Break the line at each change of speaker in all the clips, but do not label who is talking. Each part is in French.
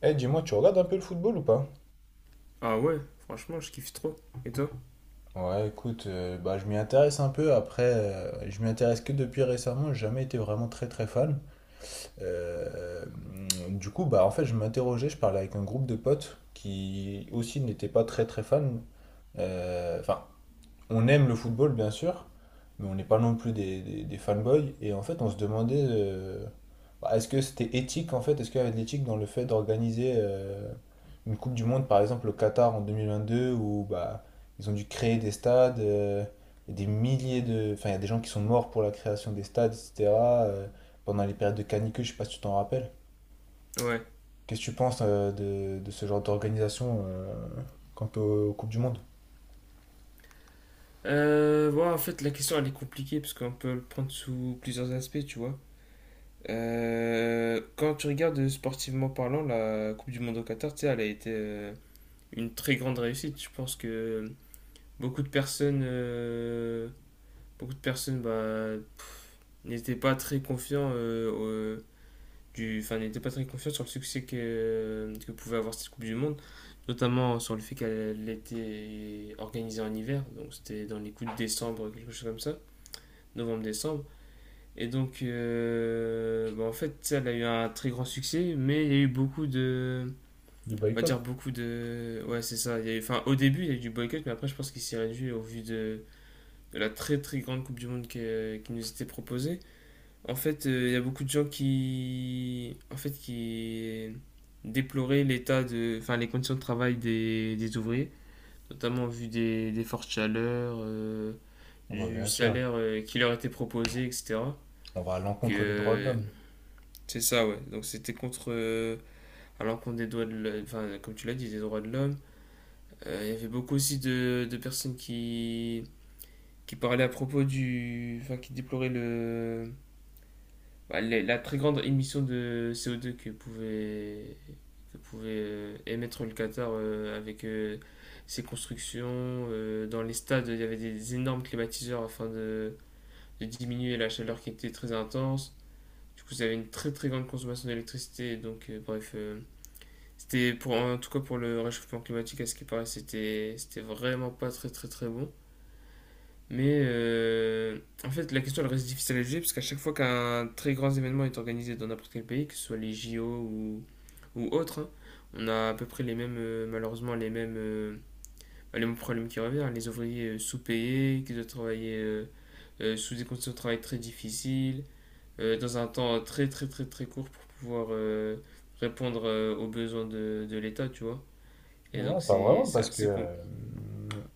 Eh, dis-moi, tu regardes un peu le football ou pas?
Ah ouais, franchement, je kiffe trop. Et toi?
Ouais, écoute, je m'y intéresse un peu. Après, je m'y intéresse que depuis récemment. J'ai jamais été vraiment très très fan. Euh, du coup, bah en fait, je m'interrogeais. Je parlais avec un groupe de potes qui aussi n'étaient pas très très fans. Enfin, on aime le football, bien sûr, mais on n'est pas non plus des fanboys. Et en fait, on se demandait, bah, est-ce que c'était éthique, en fait? Est-ce qu'il y avait de l'éthique dans le fait d'organiser une Coupe du Monde, par exemple, au Qatar en 2022, où bah, ils ont dû créer des stades, et des milliers de… Enfin, il y a des gens qui sont morts pour la création des stades, etc., euh, pendant les périodes de canicule, je sais pas si tu t'en rappelles.
Ouais.
Qu'est-ce que tu penses de ce genre d'organisation quant aux Coupes du Monde?
Bon, en fait, la question, elle est compliquée parce qu'on peut le prendre sous plusieurs aspects, tu vois. Quand tu regardes sportivement parlant, la Coupe du Monde au Qatar, tu sais, elle a été une très grande réussite. Je pense que beaucoup de personnes, bah, n'étaient pas très confiants n'était pas très confiant sur le succès que pouvait avoir cette Coupe du Monde, notamment sur le fait qu'elle était organisée en hiver, donc c'était dans les coups de décembre, quelque chose comme ça, novembre-décembre. Et donc, bah, en fait, ça, elle a eu un très grand succès, mais il y a eu beaucoup de.
Du
On va
boycott?
dire beaucoup de. Ouais, c'est ça. Il y a eu, enfin, au début, il y a eu du boycott, mais après, je pense qu'il s'est réduit au vu de la très très grande Coupe du Monde qui nous était proposée. En fait, il y a beaucoup de gens qui déploraient l'état de, enfin, les conditions de travail des ouvriers, notamment en vue des fortes chaleurs,
Ah bah,
du
bien sûr.
salaire qui leur était proposé, etc.
On va à
Donc,
l'encontre des droits de
euh,
l'homme.
c'est ça, ouais. Donc, c'était contre, à l'encontre des droits de, l'homme, enfin, comme tu l'as dit, des droits de l'homme. Il y avait beaucoup aussi de personnes qui parlaient à propos du, enfin, qui déploraient le, bah, la très grande émission de CO2 que pouvait émettre le Qatar avec ses constructions. Dans les stades, il y avait des énormes climatiseurs afin de diminuer la chaleur qui était très intense. Du coup, vous avez une très très grande consommation d'électricité. Donc, bref, c'était pour, en tout cas pour le réchauffement climatique, à ce qui paraît, c'était vraiment pas très très très bon. Mais en fait, la question elle reste difficile à juger parce qu'à chaque fois qu'un très grand événement est organisé dans n'importe quel pays, que ce soit les JO ou autres, hein, on a à peu près les mêmes, malheureusement, les mêmes problèmes qui reviennent, hein. Les ouvriers sous-payés, qui doivent travailler sous des conditions de travail très difficiles, dans un temps très très très très court pour pouvoir répondre aux besoins de l'État, tu vois. Et
Non,
donc
pas
c'est
vraiment,
c'est
parce que
assez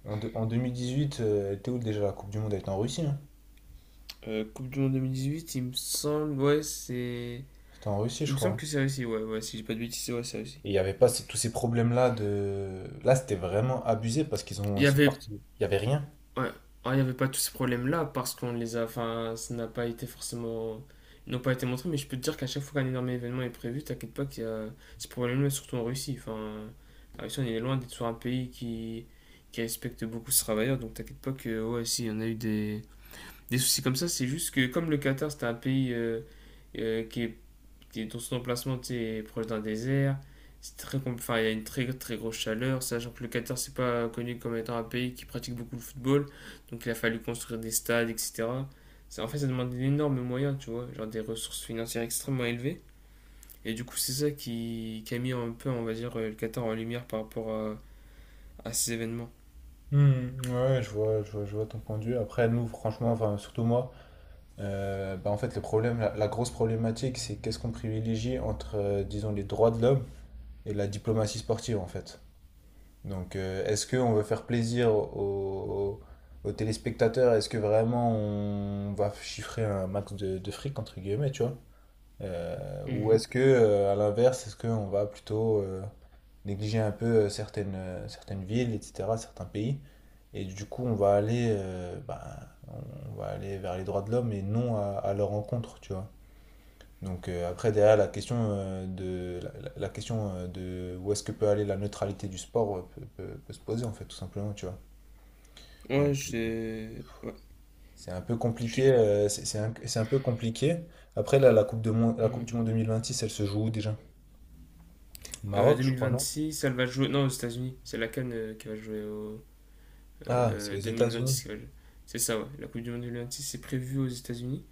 en 2018, était où déjà la Coupe du Monde? Elle était en Russie, hein.
Coupe du Monde 2018, il me semble, ouais, c'est,
C'était en Russie,
il
je
me semble
crois.
que c'est réussi, ouais, ouais, si j'ai pas de bêtises, ouais, c'est réussi.
Et il n'y avait pas tous ces problèmes-là de. Là, c'était vraiment abusé parce qu'ils ont
Il
ils
y
sont
avait,
partis. Il n'y avait rien.
ouais, ah, il y avait pas tous ces problèmes-là parce qu'on les a, enfin, ça n'a pas été forcément, ils n'ont pas été montrés, mais je peux te dire qu'à chaque fois qu'un énorme événement est prévu, t'inquiète pas qu'il y a ces problèmes-là, surtout en Russie. Enfin, la Russie, on est loin d'être sur un pays qui respecte beaucoup ses travailleurs, donc t'inquiète pas que, ouais, si, on a eu des soucis comme ça, c'est juste que comme le Qatar, c'est un pays qui est t'es dans son emplacement, t'es proche d'un désert. Enfin, il y a une très très grosse chaleur, sachant que le Qatar c'est pas connu comme étant un pays qui pratique beaucoup le football, donc il a fallu construire des stades, etc. En fait, ça demande d'énormes moyens, tu vois, genre des ressources financières extrêmement élevées. Et du coup, c'est ça qui a mis un peu, on va dire, le Qatar en lumière par rapport à ces événements.
Hmm, ouais, je vois ton point de vue. Après, nous, franchement, enfin, surtout moi, bah, en fait, le problème, la grosse problématique, c'est qu'est-ce qu'on privilégie entre, disons, les droits de l'homme et la diplomatie sportive, en fait. Donc, est-ce qu'on veut faire plaisir aux téléspectateurs? Est-ce que vraiment on va chiffrer un max de fric, entre guillemets, tu vois? Ou
Mhm.
est-ce que, à l'inverse, est-ce qu'on va plutôt négliger un peu certaines villes, etc., certains pays? Et du coup, on va aller, bah, on va aller vers les droits de l'homme et non à leur encontre, tu vois? Donc après, derrière, la question de où est-ce que peut aller la neutralité du sport peut se poser, en fait, tout simplement, tu vois.
Ouais,
Donc
je, ouais,
c'est un peu
je suis.
compliqué, c'est un peu compliqué. Après, là, la Coupe
Mhm.
du Monde 2026, elle se joue où déjà? Au Maroc, je crois, non?
2026, ça elle va jouer. Non, aux États-Unis. C'est la CAN qui va jouer
Ah, c'est aux États-Unis.
2026. Ouais, c'est ça, ouais. La Coupe du Monde 2026 est prévue aux États-Unis.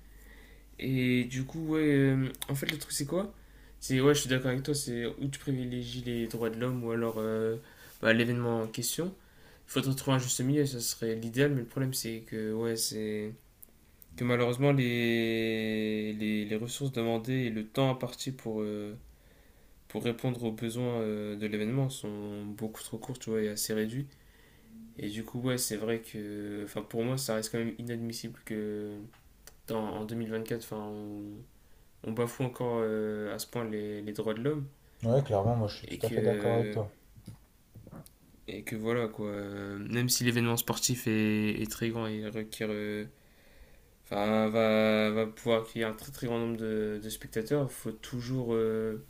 Et du coup, ouais, en fait, le truc, c'est quoi? C'est, ouais, je suis d'accord avec toi, c'est où tu privilégies les droits de l'homme ou alors bah, l'événement en question. Il faudrait trouver un juste milieu, ça serait l'idéal, mais le problème, c'est que, ouais, c'est que malheureusement, les ressources demandées et le temps imparti pour répondre aux besoins de l'événement sont beaucoup trop courts, tu vois, et assez réduits. Et du coup, ouais, c'est vrai que enfin, pour moi, ça reste quand même inadmissible que dans, en quatre enfin, on bafoue encore à ce point les droits de l'homme.
Ouais, clairement, moi, je suis
Et
tout à fait d'accord avec
que,
toi.
et que voilà, quoi. Même si l'événement sportif est très grand et requiert, enfin, va pouvoir accueillir un très très grand nombre de spectateurs, il faut toujours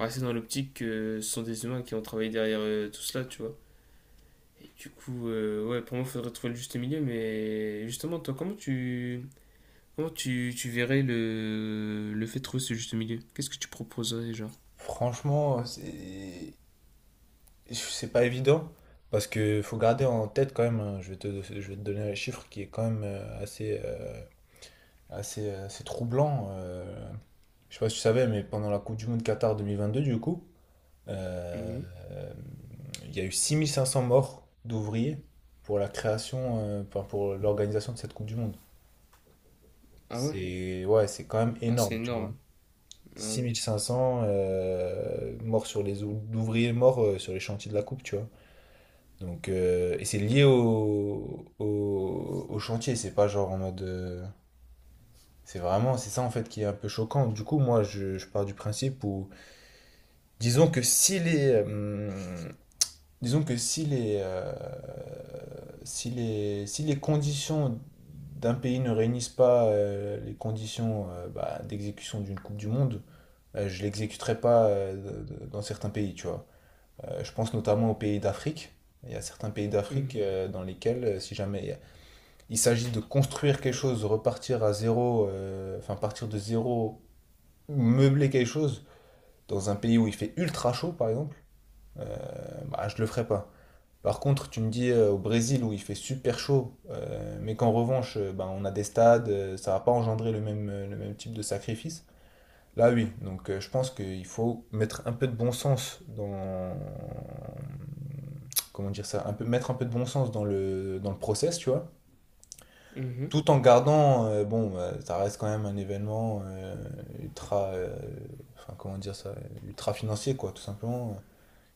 rester dans l'optique que ce sont des humains qui ont travaillé derrière tout cela, tu vois. Du coup, ouais, pour moi, il faudrait trouver le juste milieu, mais justement, toi, comment tu verrais le fait de trouver ce juste milieu? Qu'est-ce que tu proposerais, genre?
Franchement, c'est pas évident parce que faut garder en tête quand même, hein, je vais te donner un chiffre qui est quand même assez, ah, c'est troublant. Je sais pas si tu savais, mais pendant la Coupe du Monde Qatar 2022, du coup, euh,
Mhm.
il y a eu 6 500 morts d'ouvriers pour la création, enfin, pour l'organisation de cette Coupe du Monde.
Ah ouais?
C'est ouais, c'est quand même
Ah,
énorme,
c'est
tu vois.
énorme. Ah oui.
6 500 morts sur d'ouvriers morts sur les chantiers de la coupe, tu vois. Donc et c'est lié au chantier, c'est pas genre en mode c'est vraiment, c'est ça en fait qui est un peu choquant. Du coup, moi, je pars du principe où, disons que si les, hum, disons que si les, si les conditions d'un pays ne réunissent pas les conditions bah, d'exécution d'une Coupe du Monde, je l'exécuterai pas dans certains pays, tu vois. Je pense notamment aux pays d'Afrique. Il y a certains pays d'Afrique
Mhm.
dans lesquels, si jamais il y a- il s'agit de construire quelque chose, repartir à zéro, enfin partir de zéro ou meubler quelque chose dans un pays où il fait ultra chaud, par exemple, euh, bah, je le ferai pas. Par contre, tu me dis au Brésil où il fait super chaud, mais qu'en revanche, bah, on a des stades, ça va pas engendrer le même type de sacrifice. Là, oui. Donc, je pense qu'il faut mettre un peu de bon sens dans. Comment dire ça? Un peu, mettre un peu de bon sens dans dans le process, tu vois.
Mhm.
Tout en gardant, bon, ça reste quand même un événement ultra, enfin comment dire ça, ultra financier quoi, tout simplement,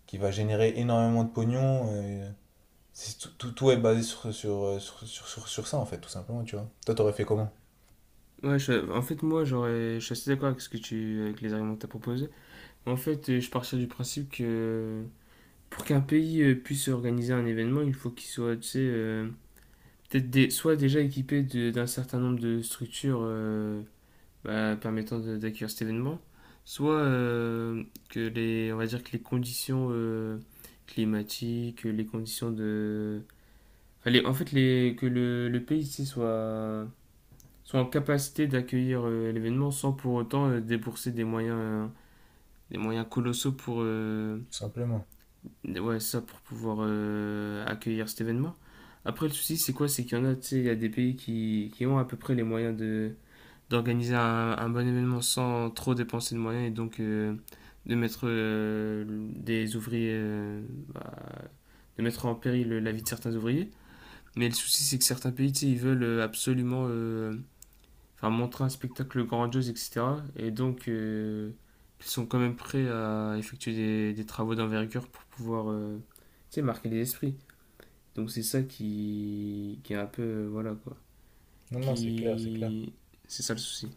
qui va générer énormément de pognon. Euh, c'est tout est basé sur ça en fait, tout simplement, tu vois. Toi, t'aurais fait comment?
En fait, je suis assez d'accord avec ce que tu, avec les arguments que tu as proposés. En fait, je partirais du principe que pour qu'un pays puisse organiser un événement, il faut qu'il soit, tu sais, peut-être soit déjà équipé d'un certain nombre de structures, bah, permettant d'accueillir cet événement, soit que les, on va dire que les conditions climatiques, les conditions de, enfin, en fait les, que le pays ici soit, soit en capacité d'accueillir l'événement sans pour autant débourser des moyens colossaux pour,
Tout simplement.
ouais, ça pour pouvoir accueillir cet événement. Après, le souci, c'est quoi? C'est qu'il y en a, tu sais, il y a des pays qui ont à peu près les moyens d'organiser un bon événement sans trop dépenser de moyens et donc de mettre des ouvriers, euh, bah, de mettre en péril la vie de certains ouvriers. Mais le souci, c'est que certains pays, tu sais, ils veulent absolument enfin, montrer un spectacle grandiose, etc. Et donc, ils sont quand même prêts à effectuer des travaux d'envergure pour pouvoir, tu sais, marquer les esprits. Donc, c'est ça qui est un peu, voilà, quoi.
Non, non, c'est clair, c'est clair.
Qui... C'est ça le souci.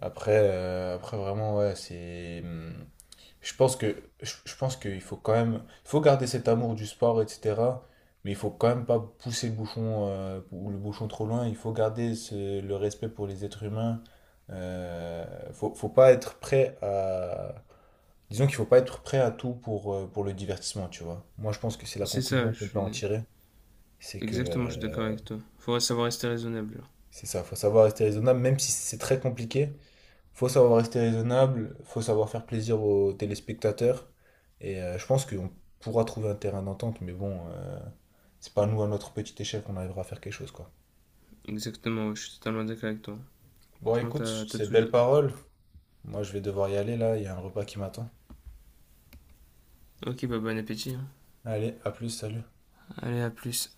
Après, après vraiment, ouais, c'est… hmm, je pense je pense qu'il faut quand même il faut garder cet amour du sport, etc. Mais il faut quand même pas pousser le bouchon ou le bouchon trop loin. Il faut garder le respect pour les êtres humains. Euh, faut pas être prêt à disons qu'il faut pas être prêt à tout pour le divertissement, tu vois. Moi, je pense que c'est la
C'est ça,
conclusion
je
qu'on peut en
suis...
tirer, c'est que
Exactement, je suis d'accord avec toi. Faudrait savoir rester raisonnable là.
c'est ça. Faut savoir rester raisonnable, même si c'est très compliqué. Faut savoir rester raisonnable, faut savoir faire plaisir aux téléspectateurs. Et je pense qu'on pourra trouver un terrain d'entente, mais bon, c'est pas nous à notre petite échelle qu'on arrivera à faire quelque chose, quoi.
Exactement, ouais, je suis totalement d'accord avec toi.
Bon,
Franchement,
écoute,
t'as
sur
t'as
ces
tout
belles
dit.
paroles. Moi, je vais devoir y aller là, il y a un repas qui m'attend.
Ok, bah bon appétit, hein.
Allez, à plus, salut.
Allez, à plus.